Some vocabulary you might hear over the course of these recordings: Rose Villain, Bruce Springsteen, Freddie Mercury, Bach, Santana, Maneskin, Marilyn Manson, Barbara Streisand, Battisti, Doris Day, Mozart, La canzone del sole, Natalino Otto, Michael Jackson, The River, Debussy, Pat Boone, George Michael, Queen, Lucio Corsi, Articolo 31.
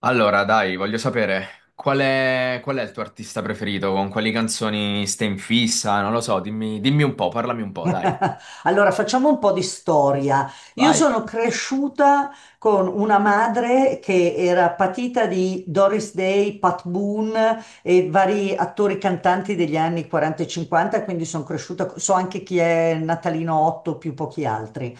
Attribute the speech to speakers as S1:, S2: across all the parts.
S1: Allora, dai, voglio sapere qual è il tuo artista preferito, con quali canzoni stai in fissa, non lo so, dimmi, dimmi un po', parlami un po', dai.
S2: Allora, facciamo un po' di storia. Io
S1: Vai.
S2: sono cresciuta con una madre che era patita di Doris Day, Pat Boone e vari attori cantanti degli anni 40 e 50, quindi sono cresciuta, so anche chi è Natalino Otto più pochi altri.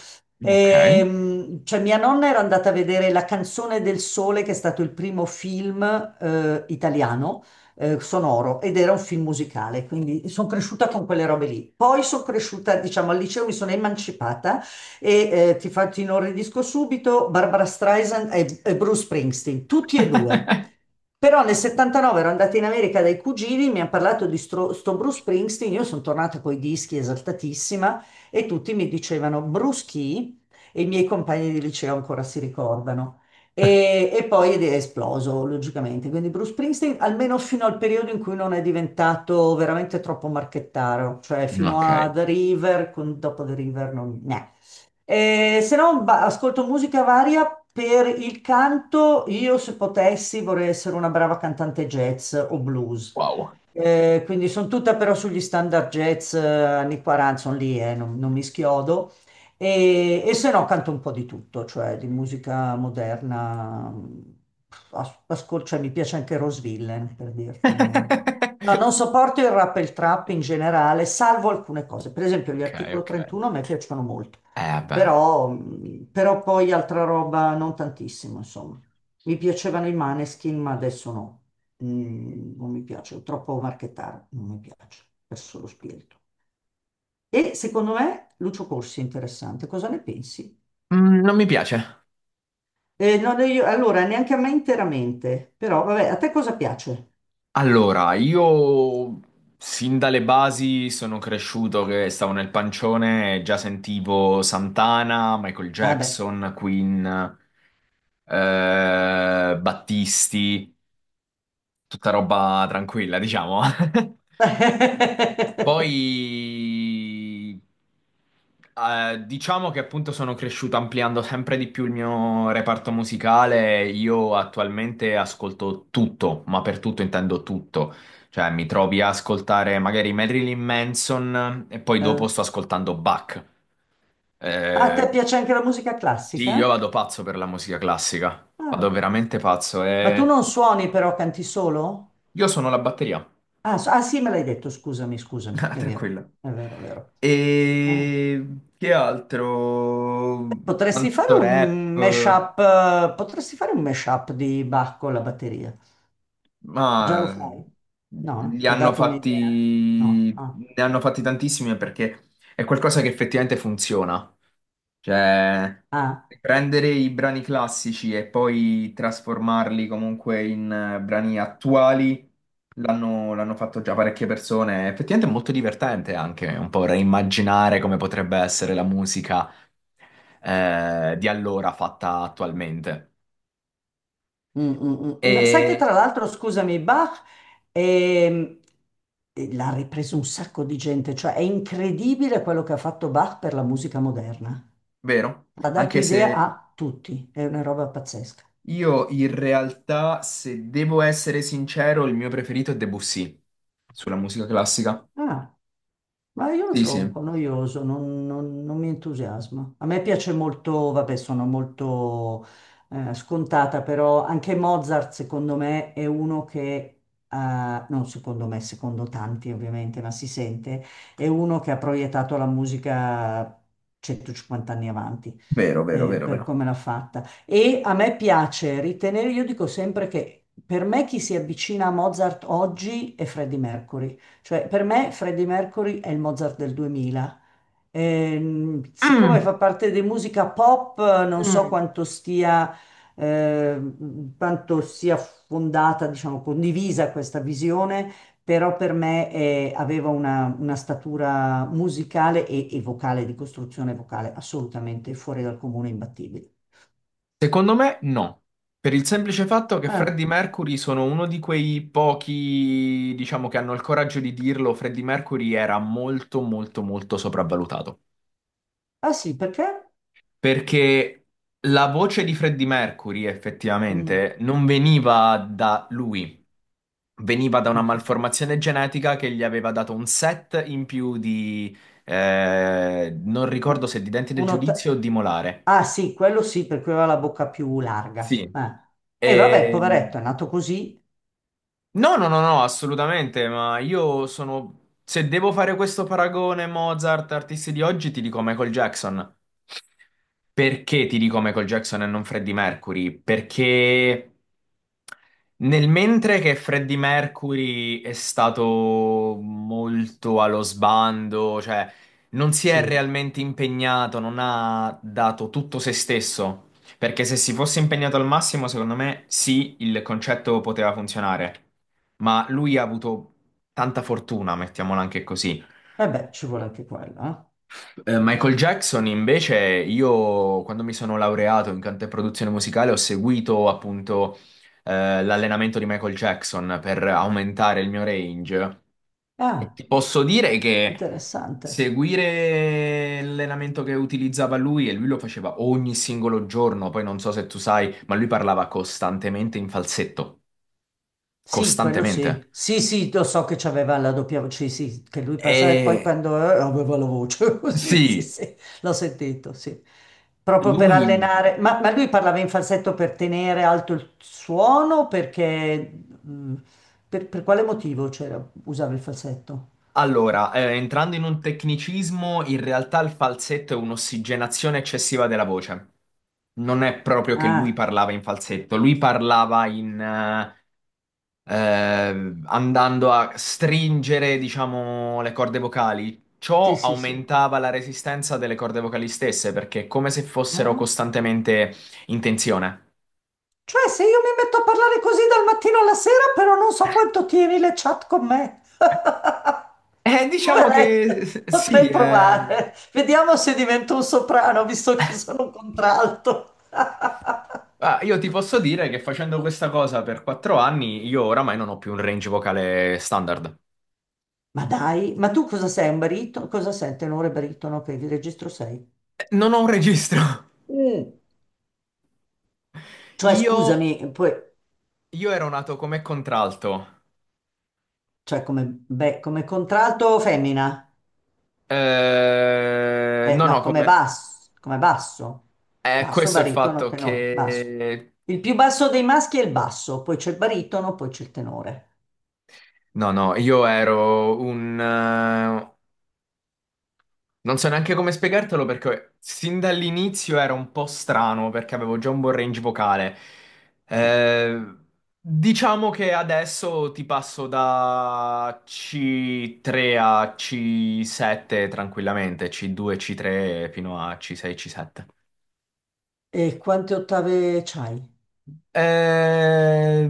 S1: Ok,
S2: Cioè mia nonna era andata a vedere La canzone del sole, che è stato il primo film italiano sonoro ed era un film musicale, quindi sono cresciuta con quelle robe lì. Poi sono cresciuta, diciamo, al liceo mi sono emancipata e ti inorridisco subito, Barbara Streisand e Bruce Springsteen, tutti e due. Però nel 79 ero andata in America dai cugini, mi hanno parlato di sto Bruce Springsteen, io sono tornata coi dischi esaltatissima e tutti mi dicevano Bruce chi? E i miei compagni di liceo ancora si ricordano. E poi ed è esploso, logicamente. Quindi Bruce Springsteen, almeno fino al periodo in cui non è diventato veramente troppo marchettaro, cioè fino
S1: ok,
S2: a The River, dopo The River non... no. Se no, ascolto musica varia. Per il canto, io se potessi vorrei essere una brava cantante jazz o blues.
S1: wow.
S2: Quindi sono tutta però sugli standard jazz anni 40, sono lì, non mi schiodo. E se no canto un po' di tutto, cioè di musica moderna. Cioè, mi piace anche Rose Villain, per dirti. No, non sopporto il rap e il trap in generale, salvo alcune cose. Per esempio, gli
S1: Ok,
S2: Articolo
S1: ok.
S2: 31 a me piacciono molto.
S1: Beh.
S2: Però poi altra roba non tantissimo, insomma. Mi piacevano i Maneskin, ma adesso no. Non mi piace, troppo marchettaro, non mi piace, perso lo spirito. E secondo me Lucio Corsi è interessante, cosa ne pensi?
S1: Non mi piace.
S2: No, no, allora, neanche a me interamente, però vabbè, a te cosa piace?
S1: Allora, io sin dalle basi sono cresciuto che stavo nel pancione e già sentivo Santana, Michael
S2: Ah beh.
S1: Jackson, Queen, Battisti. Tutta roba tranquilla, diciamo. Poi, diciamo che appunto sono cresciuto ampliando sempre di più il mio reparto musicale. Io attualmente ascolto tutto, ma per tutto intendo tutto. Cioè, mi trovi a ascoltare magari Marilyn Manson e poi
S2: Eh,
S1: dopo
S2: ah,
S1: sto ascoltando Bach.
S2: A
S1: Eh,
S2: te piace anche la musica
S1: sì, io
S2: classica?
S1: vado pazzo per la musica classica. Vado
S2: Ah.
S1: veramente pazzo
S2: Ma tu
S1: e
S2: non suoni però, canti solo?
S1: io sono la batteria.
S2: Ah, sì, me l'hai detto, scusami, scusami,
S1: Ah,
S2: è vero,
S1: tranquilla.
S2: è vero, è vero. Eh.
S1: E che altro?
S2: Potresti fare
S1: Tanto rap,
S2: un mashup, eh, potresti fare un mashup di Bach con la batteria. Già lo
S1: ma
S2: fai? No? Eh?
S1: li
S2: Ti ho
S1: hanno
S2: dato un'idea?
S1: fatti,
S2: No. Ah.
S1: ne hanno fatti tantissimi perché è qualcosa che effettivamente funziona. Cioè,
S2: Ah.
S1: prendere i brani classici e poi trasformarli comunque in brani attuali l'hanno fatto già parecchie persone. Effettivamente è molto divertente anche un po' reimmaginare come potrebbe essere la musica di allora fatta attualmente.
S2: Mm, mm, mm. Ma sai che
S1: E
S2: tra l'altro, scusami, Bach ehm, l'ha ripreso un sacco di gente, cioè è incredibile quello che ha fatto Bach per la musica moderna.
S1: vero?
S2: Ha dato
S1: Anche
S2: idea
S1: se
S2: a tutti, è una roba pazzesca.
S1: io in realtà, se devo essere sincero, il mio preferito è Debussy sulla musica classica.
S2: Ah. Ma io lo
S1: Sì,
S2: trovo un
S1: sì,
S2: po' noioso, non mi entusiasma. A me piace molto, vabbè, sono molto scontata, però anche Mozart, secondo me, è uno che, eh, non secondo me, secondo tanti ovviamente, ma si sente, è uno che ha proiettato la musica 150 anni avanti,
S1: vero, vero, vero,
S2: per
S1: vero.
S2: come l'ha fatta. E a me piace ritenere, io dico sempre che per me chi si avvicina a Mozart oggi è Freddie Mercury. Cioè, per me Freddie Mercury è il Mozart del 2000. Siccome
S1: mm,
S2: fa parte di musica pop, non so quanto stia, eh, quanto sia fondata, diciamo, condivisa questa visione, però per me aveva una statura musicale e vocale, di costruzione vocale, assolutamente fuori dal comune, imbattibile.
S1: Secondo me no. Per il semplice fatto che
S2: Eh,
S1: Freddie Mercury sono uno di quei pochi, diciamo, che hanno il coraggio di dirlo, Freddie Mercury era molto, molto, molto sopravvalutato.
S2: Ah sì, perché?
S1: Perché la voce di Freddie Mercury
S2: Mm.
S1: effettivamente non veniva da lui, veniva da una malformazione genetica che gli aveva dato un set in più di, non
S2: Un-
S1: ricordo se di denti del
S2: un
S1: giudizio o
S2: otta-
S1: di molare.
S2: Ah sì, quello sì, per cui aveva la bocca più larga.
S1: Sì.
S2: Eh. E vabbè,
S1: E,
S2: poveretto, è nato così.
S1: no, no, no, no, assolutamente, ma io sono... Se devo fare questo paragone Mozart, artisti di oggi, ti dico Michael Jackson. Perché ti dico Michael Jackson e non Freddie Mercury? Perché nel mentre che Freddie Mercury è stato molto allo sbando, cioè non si è
S2: Sì,
S1: realmente impegnato, non ha dato tutto se stesso. Perché se si fosse impegnato al massimo, secondo me sì, il concetto poteva funzionare, ma lui ha avuto tanta fortuna, mettiamola anche così.
S2: e beh, ci vuole anche quello. Eh.
S1: Michael Jackson, invece, io quando mi sono laureato in canto e produzione musicale ho seguito appunto l'allenamento di Michael Jackson per aumentare il mio range.
S2: Ah,
S1: Ti posso dire che
S2: interessante.
S1: seguire l'allenamento che utilizzava lui, e lui lo faceva ogni singolo giorno, poi non so se tu sai, ma lui parlava costantemente in falsetto,
S2: Sì, quello
S1: costantemente.
S2: sì. Sì, sì, lo so che c'aveva la doppia voce, sì, sì, che lui passava e poi
S1: E
S2: quando aveva la voce, così, sì,
S1: sì,
S2: sì, l'ho sentito, sì. Proprio per
S1: lui.
S2: allenare, ma lui parlava in falsetto per tenere alto il suono, o perché, mm, per quale motivo c'era, usava il falsetto?
S1: Allora, entrando in un tecnicismo, in realtà il falsetto è un'ossigenazione eccessiva della voce. Non è proprio che lui
S2: Ah,
S1: parlava in falsetto, lui parlava in, andando a stringere, diciamo, le corde vocali.
S2: sì,
S1: Ciò
S2: sì, sì.
S1: aumentava la resistenza delle corde vocali stesse, perché è come se fossero
S2: Eh?
S1: costantemente in tensione.
S2: Cioè, se io mi metto a parlare così dal mattino alla sera, però non so quanto tieni le chat con me.
S1: Diciamo
S2: Poveretto,
S1: che s- sì,
S2: potrei
S1: eh,
S2: provare. Vediamo se divento un soprano, visto che sono un contralto.
S1: Ah, io ti posso dire che facendo questa cosa per 4 anni, io oramai non ho più un range vocale standard.
S2: Ma dai, ma tu cosa sei? Un baritono? Cosa sei? Tenore baritono? Ok, che registro sei?
S1: Non ho un registro.
S2: Mm. Cioè,
S1: Io,
S2: scusami, poi,
S1: io ero nato come contralto.
S2: cioè come, beh, come contralto femmina?
S1: No,
S2: No,
S1: no,
S2: come
S1: come...
S2: basso, come basso. Basso,
S1: Questo è il
S2: baritono,
S1: fatto
S2: tenore, basso.
S1: che...
S2: Il più basso dei maschi è il basso, poi c'è il baritono, poi c'è il tenore.
S1: No, no, io ero un... Non so neanche come spiegartelo perché sin dall'inizio era un po' strano perché avevo già un buon range vocale. Eh, diciamo che adesso ti passo da C3 a C7 tranquillamente, C2, C3 fino a C6, C7.
S2: E quante ottave c'hai?
S1: Eh,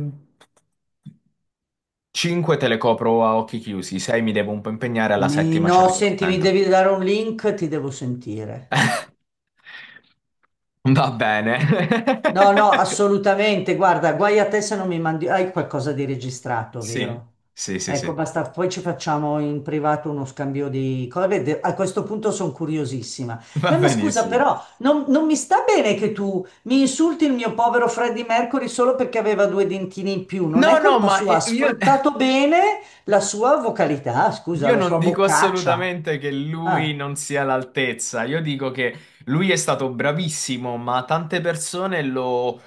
S1: 5 te le copro a occhi chiusi, 6 mi devo un po' impegnare, alla settima ci
S2: No,
S1: arrivo al
S2: senti, mi
S1: 100.
S2: devi dare un link, ti devo sentire.
S1: Va bene.
S2: No, no, assolutamente. Guarda, guai a te se non mi mandi. Hai qualcosa di registrato,
S1: Sì,
S2: vero?
S1: sì, sì,
S2: Ecco,
S1: sì,
S2: basta. Poi ci facciamo in privato uno scambio di cose. A questo punto sono curiosissima.
S1: va
S2: Ma scusa,
S1: benissimo.
S2: però, non mi sta bene che tu mi insulti il mio povero Freddie Mercury solo perché aveva due dentini in più. Non è
S1: No, no,
S2: colpa
S1: ma
S2: sua, ha
S1: io,
S2: sfruttato bene la sua vocalità, scusa,
S1: io
S2: la
S1: non
S2: sua
S1: dico
S2: boccaccia.
S1: assolutamente che
S2: Ah.
S1: lui non sia all'altezza, io dico che lui è stato bravissimo, ma tante persone lo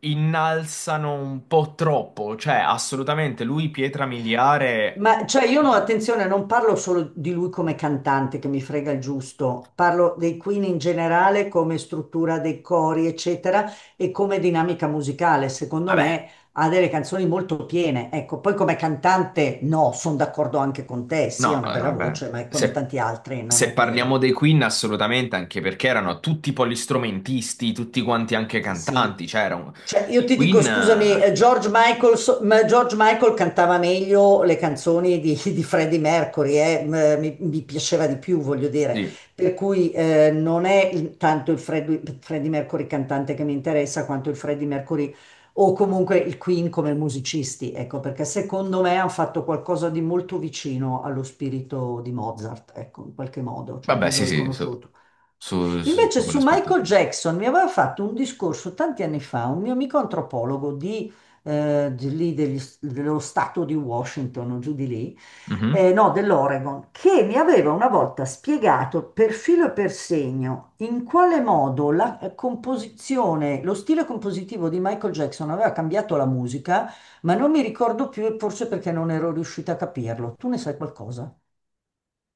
S1: innalzano un po' troppo, cioè assolutamente lui pietra miliare...
S2: Ma cioè io no,
S1: Sì.
S2: attenzione, non parlo solo di lui come cantante che mi frega il giusto, parlo dei Queen in generale come struttura dei cori, eccetera, e come dinamica musicale. Secondo
S1: Vabbè,
S2: me ha delle canzoni molto piene. Ecco, poi come cantante no, sono d'accordo anche con te, sì,
S1: no,
S2: ha una bella
S1: vabbè,
S2: voce, ma è come
S1: se,
S2: tanti altri, non
S1: se
S2: è
S1: parliamo
S2: che
S1: dei Queen assolutamente, anche perché erano tutti polistrumentisti, tutti quanti anche
S2: sì,
S1: cantanti,
S2: sì.
S1: cioè era un-
S2: Cioè, io
S1: i
S2: ti dico,
S1: Queen...
S2: scusami, Ma George Michael cantava meglio le canzoni di, di Freddie Mercury, mi piaceva di più, voglio dire.
S1: Sì,
S2: Per cui non è tanto il Freddie Mercury cantante che mi interessa, quanto il Freddie Mercury o comunque il Queen come musicisti, ecco, perché secondo me hanno fatto qualcosa di molto vicino allo spirito di Mozart, ecco, in qualche modo, cioè
S1: vabbè,
S2: lì
S1: sì,
S2: l'ho
S1: sì,
S2: riconosciuto.
S1: su
S2: Invece
S1: tutto
S2: su
S1: quell'aspetto. Sì.
S2: Michael Jackson mi aveva fatto un discorso tanti anni fa un mio amico antropologo di lì dello stato di Washington o giù di lì,
S1: Mhm.
S2: no, dell'Oregon, che mi aveva una volta spiegato per filo e per segno in quale modo la composizione, lo stile compositivo di Michael Jackson aveva cambiato la musica, ma non mi ricordo più, e forse perché non ero riuscita a capirlo. Tu ne sai qualcosa?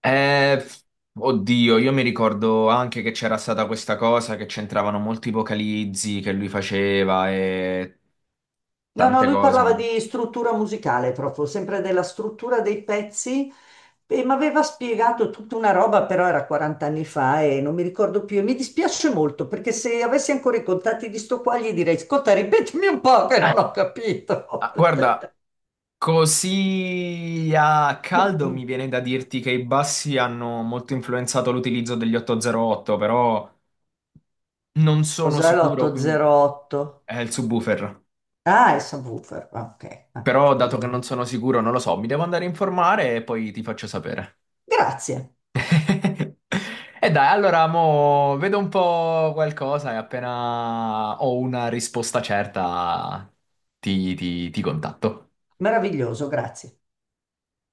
S1: Eh, f- oddio, io mi ricordo anche che c'era stata questa cosa che c'entravano molti vocalizzi che lui faceva e
S2: No, no,
S1: tante
S2: lui
S1: cose.
S2: parlava di struttura musicale proprio, sempre della struttura dei pezzi e mi aveva spiegato tutta una roba, però era 40 anni fa e non mi ricordo più e mi dispiace molto perché se avessi ancora i contatti di sto qua gli direi, ascolta, ripetimi un po' che
S1: Ah,
S2: non ho capito.
S1: ah, guarda, così a caldo mi viene da dirti che i bassi hanno molto influenzato l'utilizzo degli 808, però non sono
S2: Cos'è
S1: sicuro, quindi
S2: l'808?
S1: è il subwoofer.
S2: Ah, è subwoofer. Ah, ok. Ah,
S1: Però, dato che non
S2: scusami.
S1: sono sicuro, non lo so, mi devo andare a informare e poi ti faccio sapere.
S2: Grazie,
S1: E dai, allora, mo vedo un po' qualcosa e appena ho una risposta certa ti contatto.
S2: meraviglioso, grazie.